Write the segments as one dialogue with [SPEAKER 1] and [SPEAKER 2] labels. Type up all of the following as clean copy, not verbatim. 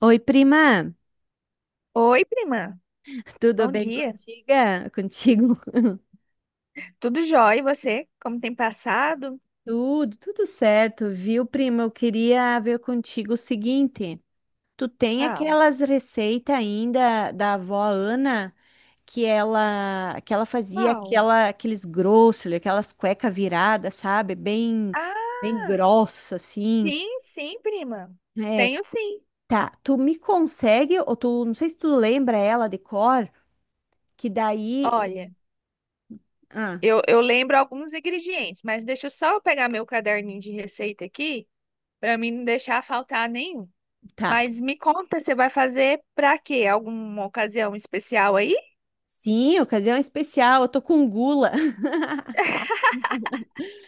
[SPEAKER 1] Oi, prima,
[SPEAKER 2] Oi, prima.
[SPEAKER 1] tudo
[SPEAKER 2] Bom
[SPEAKER 1] bem
[SPEAKER 2] dia.
[SPEAKER 1] contiga? Contigo?
[SPEAKER 2] Tudo jóia? E você? Como tem passado?
[SPEAKER 1] Tudo certo, viu, prima? Eu queria ver contigo o seguinte: tu tem
[SPEAKER 2] Qual?
[SPEAKER 1] aquelas receitas ainda da avó Ana que ela fazia
[SPEAKER 2] Qual?
[SPEAKER 1] aquela, aqueles grossos, aquelas cueca viradas, sabe? Bem
[SPEAKER 2] Ah,
[SPEAKER 1] grossa, assim.
[SPEAKER 2] sim, sim, prima.
[SPEAKER 1] É,
[SPEAKER 2] Tenho sim.
[SPEAKER 1] tá. Tu me consegue, ou tu, não sei se tu lembra ela de cor, que daí
[SPEAKER 2] Olha,
[SPEAKER 1] Ah,
[SPEAKER 2] eu lembro alguns ingredientes, mas deixa eu só pegar meu caderninho de receita aqui, para mim não deixar faltar nenhum.
[SPEAKER 1] tá.
[SPEAKER 2] Mas me conta, você vai fazer para quê? Alguma ocasião especial aí?
[SPEAKER 1] Sim, ocasião especial, eu tô com gula.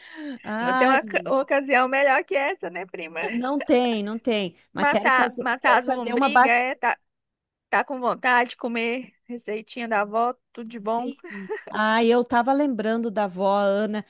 [SPEAKER 2] Não tem
[SPEAKER 1] Ai,
[SPEAKER 2] uma
[SPEAKER 1] menina,
[SPEAKER 2] ocasião melhor que essa, né, prima?
[SPEAKER 1] não tem, não tem, mas quero
[SPEAKER 2] Matar,
[SPEAKER 1] fazer, quero
[SPEAKER 2] matar as
[SPEAKER 1] fazer uma
[SPEAKER 2] lombrigas,
[SPEAKER 1] bacia.
[SPEAKER 2] é, tá, tá com vontade de comer receitinha da avó, tudo de bom.
[SPEAKER 1] Ah, eu tava lembrando da avó Ana.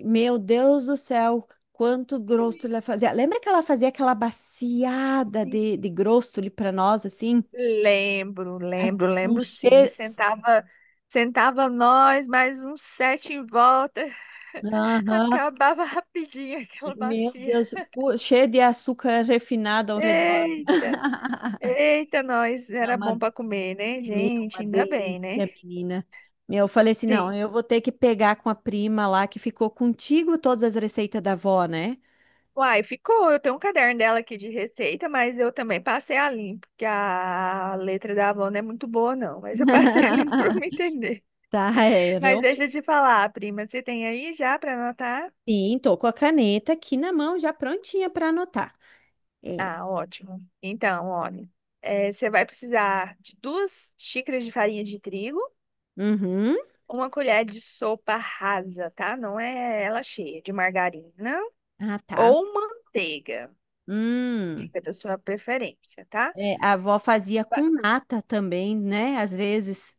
[SPEAKER 1] Meu Deus do céu, quanto grosso ela fazia. Lembra que ela fazia aquela baciada
[SPEAKER 2] Sim.
[SPEAKER 1] de grosso ali para nós assim?
[SPEAKER 2] Lembro,
[SPEAKER 1] É,
[SPEAKER 2] lembro,
[SPEAKER 1] um
[SPEAKER 2] lembro sim.
[SPEAKER 1] cheio.
[SPEAKER 2] Sentava nós, mais uns sete em volta.
[SPEAKER 1] Aham.
[SPEAKER 2] Acabava rapidinho aquela
[SPEAKER 1] Meu
[SPEAKER 2] bacia.
[SPEAKER 1] Deus, cheio de açúcar refinado ao redor.
[SPEAKER 2] Eita, eita, nós
[SPEAKER 1] Não,
[SPEAKER 2] era
[SPEAKER 1] mas
[SPEAKER 2] bom para comer, né,
[SPEAKER 1] meu,
[SPEAKER 2] gente?
[SPEAKER 1] uma
[SPEAKER 2] Ainda bem, né?
[SPEAKER 1] delícia, menina. Meu, eu falei assim, não,
[SPEAKER 2] Sim.
[SPEAKER 1] eu vou ter que pegar com a prima lá que ficou contigo todas as receitas da avó, né?
[SPEAKER 2] Uai, ficou. Eu tenho um caderno dela aqui de receita, mas eu também passei a limpo, porque a letra da avó não é muito boa, não. Mas eu passei a limpo para me entender.
[SPEAKER 1] Tá, é,
[SPEAKER 2] Mas
[SPEAKER 1] realmente.
[SPEAKER 2] deixa eu te falar, prima, você tem aí já para anotar?
[SPEAKER 1] Sim, tô com a caneta aqui na mão, já prontinha para anotar. É.
[SPEAKER 2] Ah, ótimo. Então, olha, você vai precisar de 2 xícaras de farinha de trigo,
[SPEAKER 1] Uhum.
[SPEAKER 2] uma colher de sopa rasa, tá? Não é ela cheia, de margarina
[SPEAKER 1] Ah, tá.
[SPEAKER 2] ou manteiga.
[SPEAKER 1] Hum.
[SPEAKER 2] Fica da sua preferência, tá?
[SPEAKER 1] É, a avó fazia
[SPEAKER 2] Vai-
[SPEAKER 1] com nata também, né? Às vezes.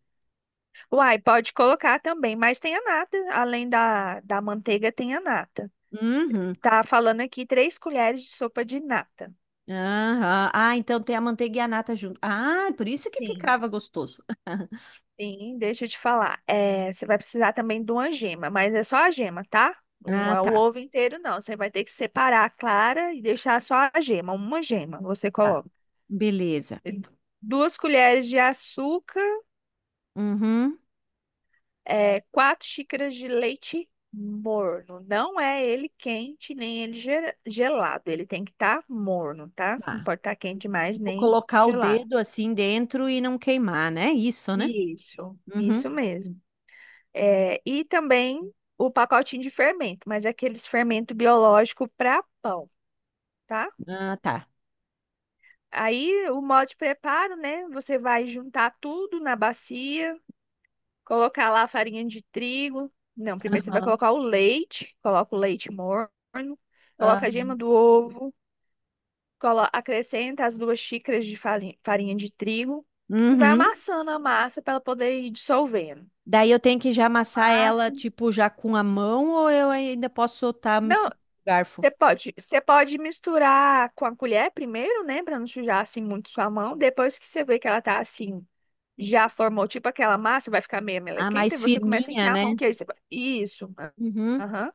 [SPEAKER 2] Uai, pode colocar também, mas tem a nata. Além da manteiga, tem a nata.
[SPEAKER 1] Uhum.
[SPEAKER 2] Tá falando aqui 3 colheres de sopa de nata.
[SPEAKER 1] Aham. Ah, então tem a manteiga e a nata junto. Ah, por isso que
[SPEAKER 2] Sim.
[SPEAKER 1] ficava gostoso.
[SPEAKER 2] Sim, deixa eu te falar. É, você vai precisar também de uma gema, mas é só a gema, tá? Não
[SPEAKER 1] Ah,
[SPEAKER 2] é o
[SPEAKER 1] tá.
[SPEAKER 2] ovo inteiro, não. Você vai ter que separar a clara e deixar só a gema, uma gema você
[SPEAKER 1] Tá.
[SPEAKER 2] coloca.
[SPEAKER 1] Beleza.
[SPEAKER 2] 2 colheres de açúcar,
[SPEAKER 1] Uhum.
[SPEAKER 2] é, 4 xícaras de leite morno. Não é ele quente, nem ele gelado. Ele tem que estar morno, tá? Não
[SPEAKER 1] Tá.
[SPEAKER 2] pode estar quente demais,
[SPEAKER 1] Vou
[SPEAKER 2] nem
[SPEAKER 1] colocar o
[SPEAKER 2] gelado.
[SPEAKER 1] dedo assim dentro e não queimar, né? Isso, né?
[SPEAKER 2] Isso,
[SPEAKER 1] Uhum.
[SPEAKER 2] isso mesmo. É, e também o pacotinho de fermento, mas é aqueles fermento biológico para pão, tá?
[SPEAKER 1] Ah, tá.
[SPEAKER 2] Aí o modo de preparo, né? Você vai juntar tudo na bacia, colocar lá a farinha de trigo. Não, primeiro você vai
[SPEAKER 1] Aham,
[SPEAKER 2] colocar o leite, coloca o leite morno, coloca a
[SPEAKER 1] aham.
[SPEAKER 2] gema do ovo, acrescenta as 2 xícaras de farinha, farinha de trigo e vai
[SPEAKER 1] Uhum.
[SPEAKER 2] amassando a massa para ela poder ir dissolvendo.
[SPEAKER 1] Daí eu tenho que já amassar ela,
[SPEAKER 2] Massa.
[SPEAKER 1] tipo, já com a mão, ou eu ainda posso soltar
[SPEAKER 2] Não,
[SPEAKER 1] misturando com o garfo?
[SPEAKER 2] você pode, você pode misturar com a colher primeiro, né, pra não sujar assim muito sua mão. Depois que você vê que ela tá assim, já formou tipo aquela massa, vai ficar meio
[SPEAKER 1] Ah,
[SPEAKER 2] melequenta, e
[SPEAKER 1] mais
[SPEAKER 2] você começa a
[SPEAKER 1] firminha,
[SPEAKER 2] enfiar a
[SPEAKER 1] né?
[SPEAKER 2] mão, que aí você vai- Isso. Ah,
[SPEAKER 1] Uhum.
[SPEAKER 2] aham.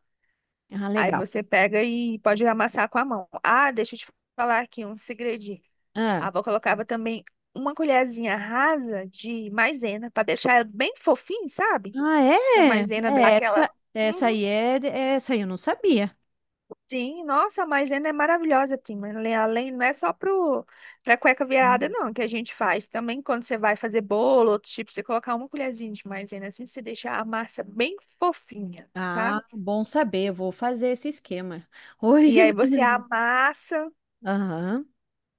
[SPEAKER 1] Ah,
[SPEAKER 2] Aí
[SPEAKER 1] legal.
[SPEAKER 2] você pega e pode amassar com a mão. Ah, deixa eu te falar aqui um segredinho.
[SPEAKER 1] Ah,
[SPEAKER 2] A avó colocava também uma colherzinha rasa de maisena pra deixar ela bem fofinho, sabe?
[SPEAKER 1] ah
[SPEAKER 2] E a
[SPEAKER 1] é?
[SPEAKER 2] maisena dá
[SPEAKER 1] É,
[SPEAKER 2] aquela
[SPEAKER 1] essa, essa
[SPEAKER 2] uhum.
[SPEAKER 1] aí é, essa aí eu não sabia.
[SPEAKER 2] Sim, nossa, a maisena é maravilhosa, prima. Além, não é só pro, pra cueca
[SPEAKER 1] Hum.
[SPEAKER 2] virada, não, que a gente faz. Também quando você vai fazer bolo, outros tipos, você colocar uma colherzinha de maisena assim, você deixa a massa bem fofinha, sabe?
[SPEAKER 1] Ah, bom saber, eu vou fazer esse esquema.
[SPEAKER 2] E
[SPEAKER 1] Hoje
[SPEAKER 2] aí você
[SPEAKER 1] mesmo.
[SPEAKER 2] amassa,
[SPEAKER 1] Aham,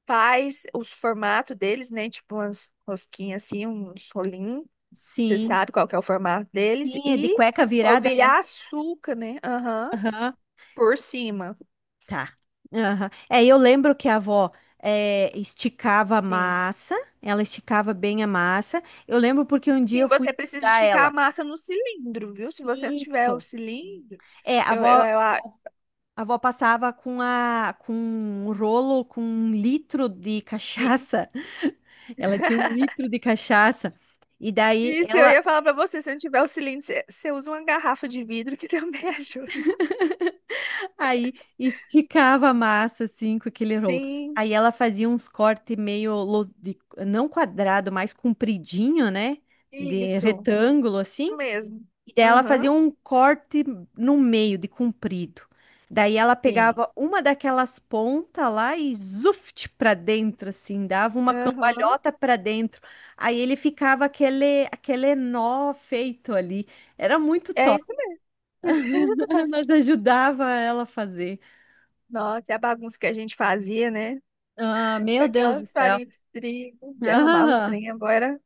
[SPEAKER 2] faz os formatos deles, né? Tipo umas rosquinhas assim, uns rolinhos. Você
[SPEAKER 1] sim.
[SPEAKER 2] sabe qual que é o formato deles.
[SPEAKER 1] Sim, é de
[SPEAKER 2] E
[SPEAKER 1] cueca virada, né?
[SPEAKER 2] polvilhar açúcar, né? Aham,
[SPEAKER 1] Aham,
[SPEAKER 2] por cima.
[SPEAKER 1] tá. Aham. É, eu lembro que a avó, é, esticava a
[SPEAKER 2] Sim.
[SPEAKER 1] massa, ela esticava bem a massa. Eu lembro porque um dia
[SPEAKER 2] Sim,
[SPEAKER 1] eu fui
[SPEAKER 2] você precisa
[SPEAKER 1] ajudar
[SPEAKER 2] esticar a
[SPEAKER 1] ela.
[SPEAKER 2] massa no cilindro, viu? Se você não tiver o
[SPEAKER 1] Isso.
[SPEAKER 2] cilindro,
[SPEAKER 1] É, a
[SPEAKER 2] eu,
[SPEAKER 1] avó,
[SPEAKER 2] eu, eu a-
[SPEAKER 1] a avó passava com, a, com um rolo, com um litro de
[SPEAKER 2] e-
[SPEAKER 1] cachaça. Ela tinha um litro de cachaça. E daí
[SPEAKER 2] isso eu
[SPEAKER 1] ela...
[SPEAKER 2] ia falar pra você, se não tiver o cilindro, você, você usa uma garrafa de vidro que também ajuda.
[SPEAKER 1] Aí esticava a massa assim com aquele rolo.
[SPEAKER 2] Sim,
[SPEAKER 1] Aí ela fazia uns cortes não quadrado, mais compridinho, né? De
[SPEAKER 2] isso
[SPEAKER 1] retângulo assim.
[SPEAKER 2] mesmo.
[SPEAKER 1] E daí ela fazia
[SPEAKER 2] Aham,
[SPEAKER 1] um corte no meio de comprido. Daí ela
[SPEAKER 2] sim.
[SPEAKER 1] pegava uma daquelas pontas lá e zuft para dentro assim, dava uma
[SPEAKER 2] Aham.
[SPEAKER 1] cambalhota para dentro. Aí ele ficava aquele nó feito ali. Era muito
[SPEAKER 2] É
[SPEAKER 1] top.
[SPEAKER 2] isso mesmo.
[SPEAKER 1] Nós ajudava ela a fazer.
[SPEAKER 2] Nossa, e a bagunça que a gente fazia, né?
[SPEAKER 1] Ah,
[SPEAKER 2] Com
[SPEAKER 1] meu Deus do
[SPEAKER 2] aquelas
[SPEAKER 1] céu.
[SPEAKER 2] farinhas de trigo, derramava os trem agora.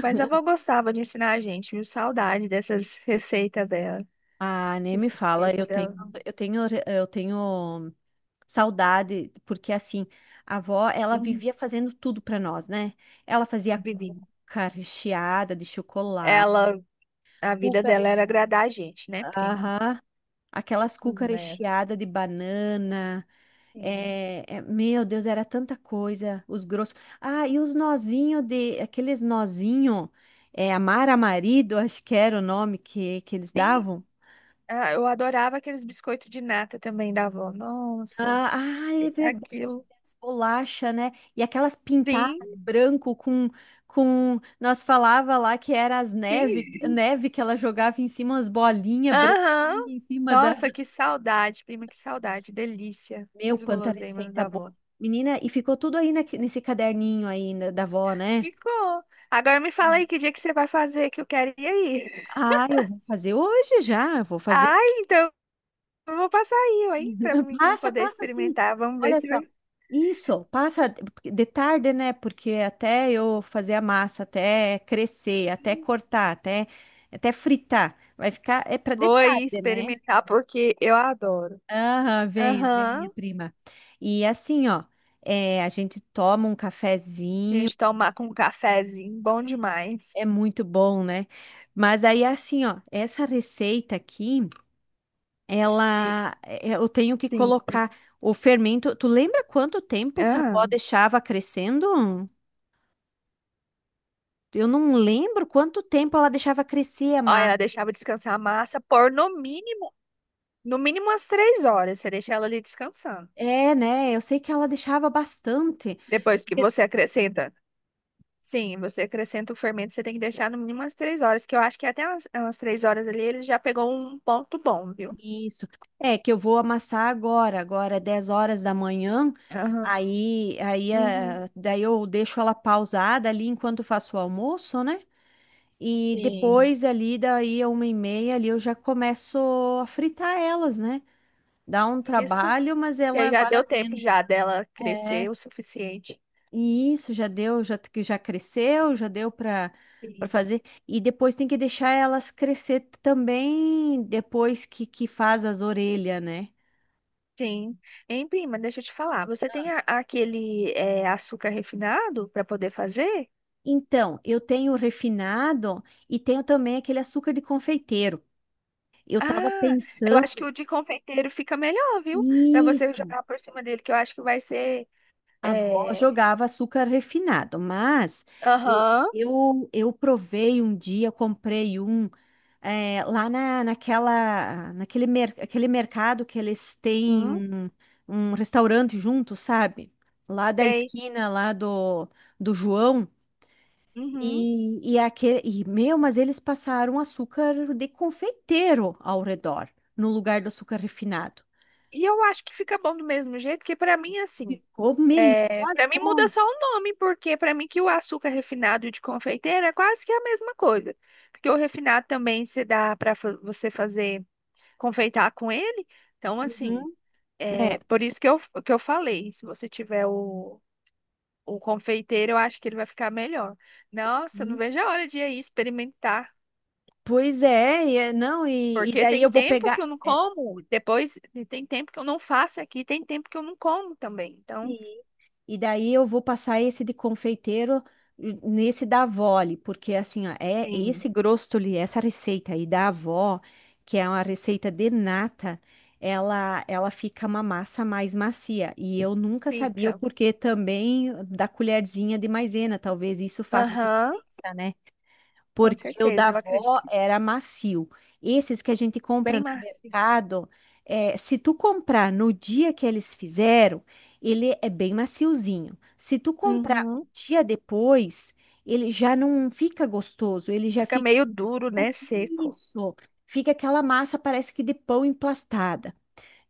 [SPEAKER 2] Mas a avó gostava de ensinar a gente, viu? Saudade dessas receitas dela.
[SPEAKER 1] Ah, ah, nem me fala,
[SPEAKER 2] Suspeita dela.
[SPEAKER 1] eu tenho, eu tenho saudade, porque assim, a avó, ela
[SPEAKER 2] Hum,
[SPEAKER 1] vivia fazendo tudo para nós, né? Ela fazia
[SPEAKER 2] Vivi.
[SPEAKER 1] cuca recheada de chocolate,
[SPEAKER 2] Ela, a vida
[SPEAKER 1] cuca
[SPEAKER 2] dela era
[SPEAKER 1] recheada,
[SPEAKER 2] agradar a gente, né, prima?
[SPEAKER 1] aham, aquelas cuca
[SPEAKER 2] Né?
[SPEAKER 1] recheada de banana,
[SPEAKER 2] Sim.
[SPEAKER 1] é, meu Deus, era tanta coisa, os grossos. Ah, e os nozinhos de, aqueles nozinhos, é, amar a marido, acho que era o nome que eles
[SPEAKER 2] Sim.
[SPEAKER 1] davam.
[SPEAKER 2] Ah, eu adorava aqueles biscoitos de nata também da avó. Nossa,
[SPEAKER 1] Ah, ah, é verdade,
[SPEAKER 2] aquilo.
[SPEAKER 1] as bolacha, né? E aquelas pintadas
[SPEAKER 2] Sim,
[SPEAKER 1] de branco com... Nós falava lá que era as neve,
[SPEAKER 2] sim.
[SPEAKER 1] neve que ela jogava em cima, as bolinhas
[SPEAKER 2] Aham.
[SPEAKER 1] branquinhas em cima da...
[SPEAKER 2] Nossa, que saudade, prima, que saudade. Delícia
[SPEAKER 1] Meu,
[SPEAKER 2] dos
[SPEAKER 1] quanta
[SPEAKER 2] guloseimas
[SPEAKER 1] receita
[SPEAKER 2] da
[SPEAKER 1] boa.
[SPEAKER 2] avó.
[SPEAKER 1] Menina, e ficou tudo aí nesse caderninho aí, né, da avó, né?
[SPEAKER 2] Ficou. Agora me fala aí que dia que você vai fazer, que eu quero ir aí.
[SPEAKER 1] Ah, eu vou fazer hoje já, eu vou fazer.
[SPEAKER 2] Ai, então eu vou passar aí, ó, hein, pra mim
[SPEAKER 1] Passa,
[SPEAKER 2] poder
[SPEAKER 1] passa assim.
[SPEAKER 2] experimentar. Vamos ver
[SPEAKER 1] Olha
[SPEAKER 2] se
[SPEAKER 1] só.
[SPEAKER 2] vai.
[SPEAKER 1] Isso, passa de tarde, né? Porque até eu fazer a massa, até crescer, até cortar, até, até fritar, vai ficar. É para de
[SPEAKER 2] Vou aí
[SPEAKER 1] tarde, né?
[SPEAKER 2] experimentar porque eu adoro.
[SPEAKER 1] Aham, venha, venha,
[SPEAKER 2] Aham.
[SPEAKER 1] prima. E assim, ó, é, a gente toma um cafezinho,
[SPEAKER 2] Gente, tomar com um cafezinho, bom demais.
[SPEAKER 1] é muito bom, né? Mas aí, assim, ó, essa receita aqui.
[SPEAKER 2] E-
[SPEAKER 1] Ela, é, eu tenho que
[SPEAKER 2] sim.
[SPEAKER 1] colocar o fermento. Tu lembra quanto tempo que a avó
[SPEAKER 2] Ah.
[SPEAKER 1] deixava crescendo? Eu não lembro quanto tempo ela deixava crescer a
[SPEAKER 2] Olha,
[SPEAKER 1] massa.
[SPEAKER 2] ela deixava descansar a massa por no mínimo, no mínimo umas 3 horas. Você deixa ela ali descansando.
[SPEAKER 1] É, né? Eu sei que ela deixava bastante.
[SPEAKER 2] Depois que você acrescenta. Sim, você acrescenta o fermento, você tem que deixar no mínimo umas três horas, que eu acho que até umas 3 horas ali ele já pegou um ponto bom, viu?
[SPEAKER 1] Isso. É que eu vou amassar agora, agora é 10 horas da manhã.
[SPEAKER 2] Aham.
[SPEAKER 1] Aí, aí,
[SPEAKER 2] Uhum.
[SPEAKER 1] ah, daí eu deixo ela pausada ali enquanto faço o almoço, né? E
[SPEAKER 2] Sim.
[SPEAKER 1] depois ali, daí a 1:30 ali, eu já começo a fritar elas, né? Dá um
[SPEAKER 2] Isso.
[SPEAKER 1] trabalho, mas
[SPEAKER 2] E aí
[SPEAKER 1] ela
[SPEAKER 2] já
[SPEAKER 1] vale a
[SPEAKER 2] deu tempo
[SPEAKER 1] pena.
[SPEAKER 2] já dela
[SPEAKER 1] É,
[SPEAKER 2] crescer o suficiente.
[SPEAKER 1] e isso já deu, já que já cresceu, já deu para
[SPEAKER 2] Sim.
[SPEAKER 1] fazer. E depois tem que deixar elas crescer também depois que faz as orelhas, né?
[SPEAKER 2] Sim. Hein, prima, deixa eu te falar. Você tem aquele é, açúcar refinado para poder fazer?
[SPEAKER 1] Então, eu tenho o refinado e tenho também aquele açúcar de confeiteiro. Eu tava
[SPEAKER 2] Ah, eu
[SPEAKER 1] pensando,
[SPEAKER 2] acho que o de confeiteiro fica melhor, viu? Para você
[SPEAKER 1] isso.
[SPEAKER 2] jogar por cima dele, que eu acho que vai ser.
[SPEAKER 1] A avó
[SPEAKER 2] É...
[SPEAKER 1] jogava açúcar refinado, mas eu,
[SPEAKER 2] Aham.
[SPEAKER 1] eu provei um dia, comprei um, é, lá na, naquela, aquele mercado que eles têm
[SPEAKER 2] Hum,
[SPEAKER 1] um, um restaurante junto, sabe? Lá da
[SPEAKER 2] sei.
[SPEAKER 1] esquina, lá do, do João.
[SPEAKER 2] Uhum.
[SPEAKER 1] Aquele, e, meu, mas eles passaram açúcar de confeiteiro ao redor, no lugar do açúcar refinado.
[SPEAKER 2] E eu acho que fica bom do mesmo jeito, que para mim, assim.
[SPEAKER 1] Ficou melhor.
[SPEAKER 2] É... Para mim muda
[SPEAKER 1] Pô.
[SPEAKER 2] só o nome, porque para mim que o açúcar refinado e o de confeiteiro é quase que a mesma coisa. Porque o refinado também se dá para você fazer. Confeitar com ele. Então,
[SPEAKER 1] Uhum.
[SPEAKER 2] assim,
[SPEAKER 1] É.
[SPEAKER 2] é por isso que eu falei, se você tiver o confeiteiro, eu acho que ele vai ficar melhor. Nossa, eu não vejo a hora de ir aí experimentar.
[SPEAKER 1] Pois é, não, e
[SPEAKER 2] Porque
[SPEAKER 1] daí
[SPEAKER 2] tem
[SPEAKER 1] eu vou
[SPEAKER 2] tempo
[SPEAKER 1] pegar,
[SPEAKER 2] que eu não
[SPEAKER 1] é,
[SPEAKER 2] como, depois e tem tempo que eu não faço aqui, tem tempo que eu não como também. Então,
[SPEAKER 1] e e daí eu vou passar esse de confeiteiro nesse da avó, ali, porque assim, ó, é esse
[SPEAKER 2] sim,
[SPEAKER 1] grostoli, essa receita aí da avó, que é uma receita de nata, ela fica uma massa mais macia. E eu nunca sabia o
[SPEAKER 2] fica.
[SPEAKER 1] porquê também da colherzinha de maisena, talvez isso faça
[SPEAKER 2] Aham,
[SPEAKER 1] diferença, né?
[SPEAKER 2] com
[SPEAKER 1] Porque o da
[SPEAKER 2] certeza. Eu acredito
[SPEAKER 1] avó
[SPEAKER 2] que fica
[SPEAKER 1] era macio. Esses que a gente compra
[SPEAKER 2] bem
[SPEAKER 1] no
[SPEAKER 2] macio.
[SPEAKER 1] mercado, é, se tu comprar no dia que eles fizeram, ele é bem maciozinho. Se tu comprar um
[SPEAKER 2] Uhum.
[SPEAKER 1] dia depois, ele já não fica gostoso, ele já
[SPEAKER 2] Fica
[SPEAKER 1] fica,
[SPEAKER 2] meio duro, né? Seco.
[SPEAKER 1] isso, fica aquela massa, parece que de pão emplastada.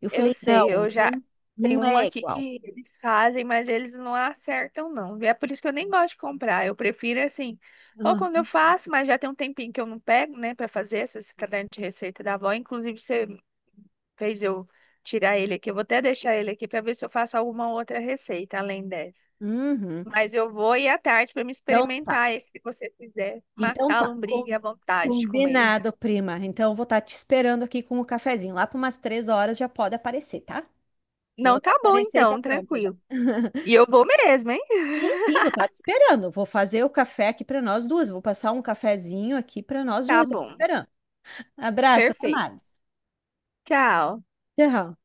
[SPEAKER 1] Eu
[SPEAKER 2] Eu
[SPEAKER 1] falei, não,
[SPEAKER 2] sei, eu já
[SPEAKER 1] não,
[SPEAKER 2] tenho
[SPEAKER 1] não
[SPEAKER 2] um
[SPEAKER 1] é
[SPEAKER 2] aqui
[SPEAKER 1] igual.
[SPEAKER 2] que eles fazem, mas eles não acertam, não. E é por isso que eu nem gosto de comprar. Eu prefiro assim, ou
[SPEAKER 1] Ah,
[SPEAKER 2] quando eu faço, mas já tem um tempinho que eu não pego, né, pra fazer esses
[SPEAKER 1] isso.
[SPEAKER 2] cadernos de receita da avó. Inclusive, você fez eu tirar ele aqui. Eu vou até deixar ele aqui pra ver se eu faço alguma outra receita além dessa.
[SPEAKER 1] Uhum.
[SPEAKER 2] Mas eu vou ir à tarde pra me
[SPEAKER 1] Então, tá.
[SPEAKER 2] experimentar esse que você fizer.
[SPEAKER 1] Então
[SPEAKER 2] Matar a
[SPEAKER 1] tá,
[SPEAKER 2] lombriga e a vontade de comer.
[SPEAKER 1] combinado, prima. Então eu vou estar te esperando aqui com o cafezinho. Lá por umas 3 horas já pode aparecer, tá? Eu vou
[SPEAKER 2] Não, tá
[SPEAKER 1] estar com a
[SPEAKER 2] bom
[SPEAKER 1] receita
[SPEAKER 2] então,
[SPEAKER 1] pronta já.
[SPEAKER 2] tranquilo. E eu vou mesmo, hein?
[SPEAKER 1] Sim, sim, vou estar te esperando. Vou fazer o café aqui para nós duas. Vou passar um cafezinho aqui para nós
[SPEAKER 2] Tá
[SPEAKER 1] duas já te
[SPEAKER 2] bom.
[SPEAKER 1] esperando. Abraço, até
[SPEAKER 2] Perfeito.
[SPEAKER 1] mais.
[SPEAKER 2] Tchau.
[SPEAKER 1] Tchau.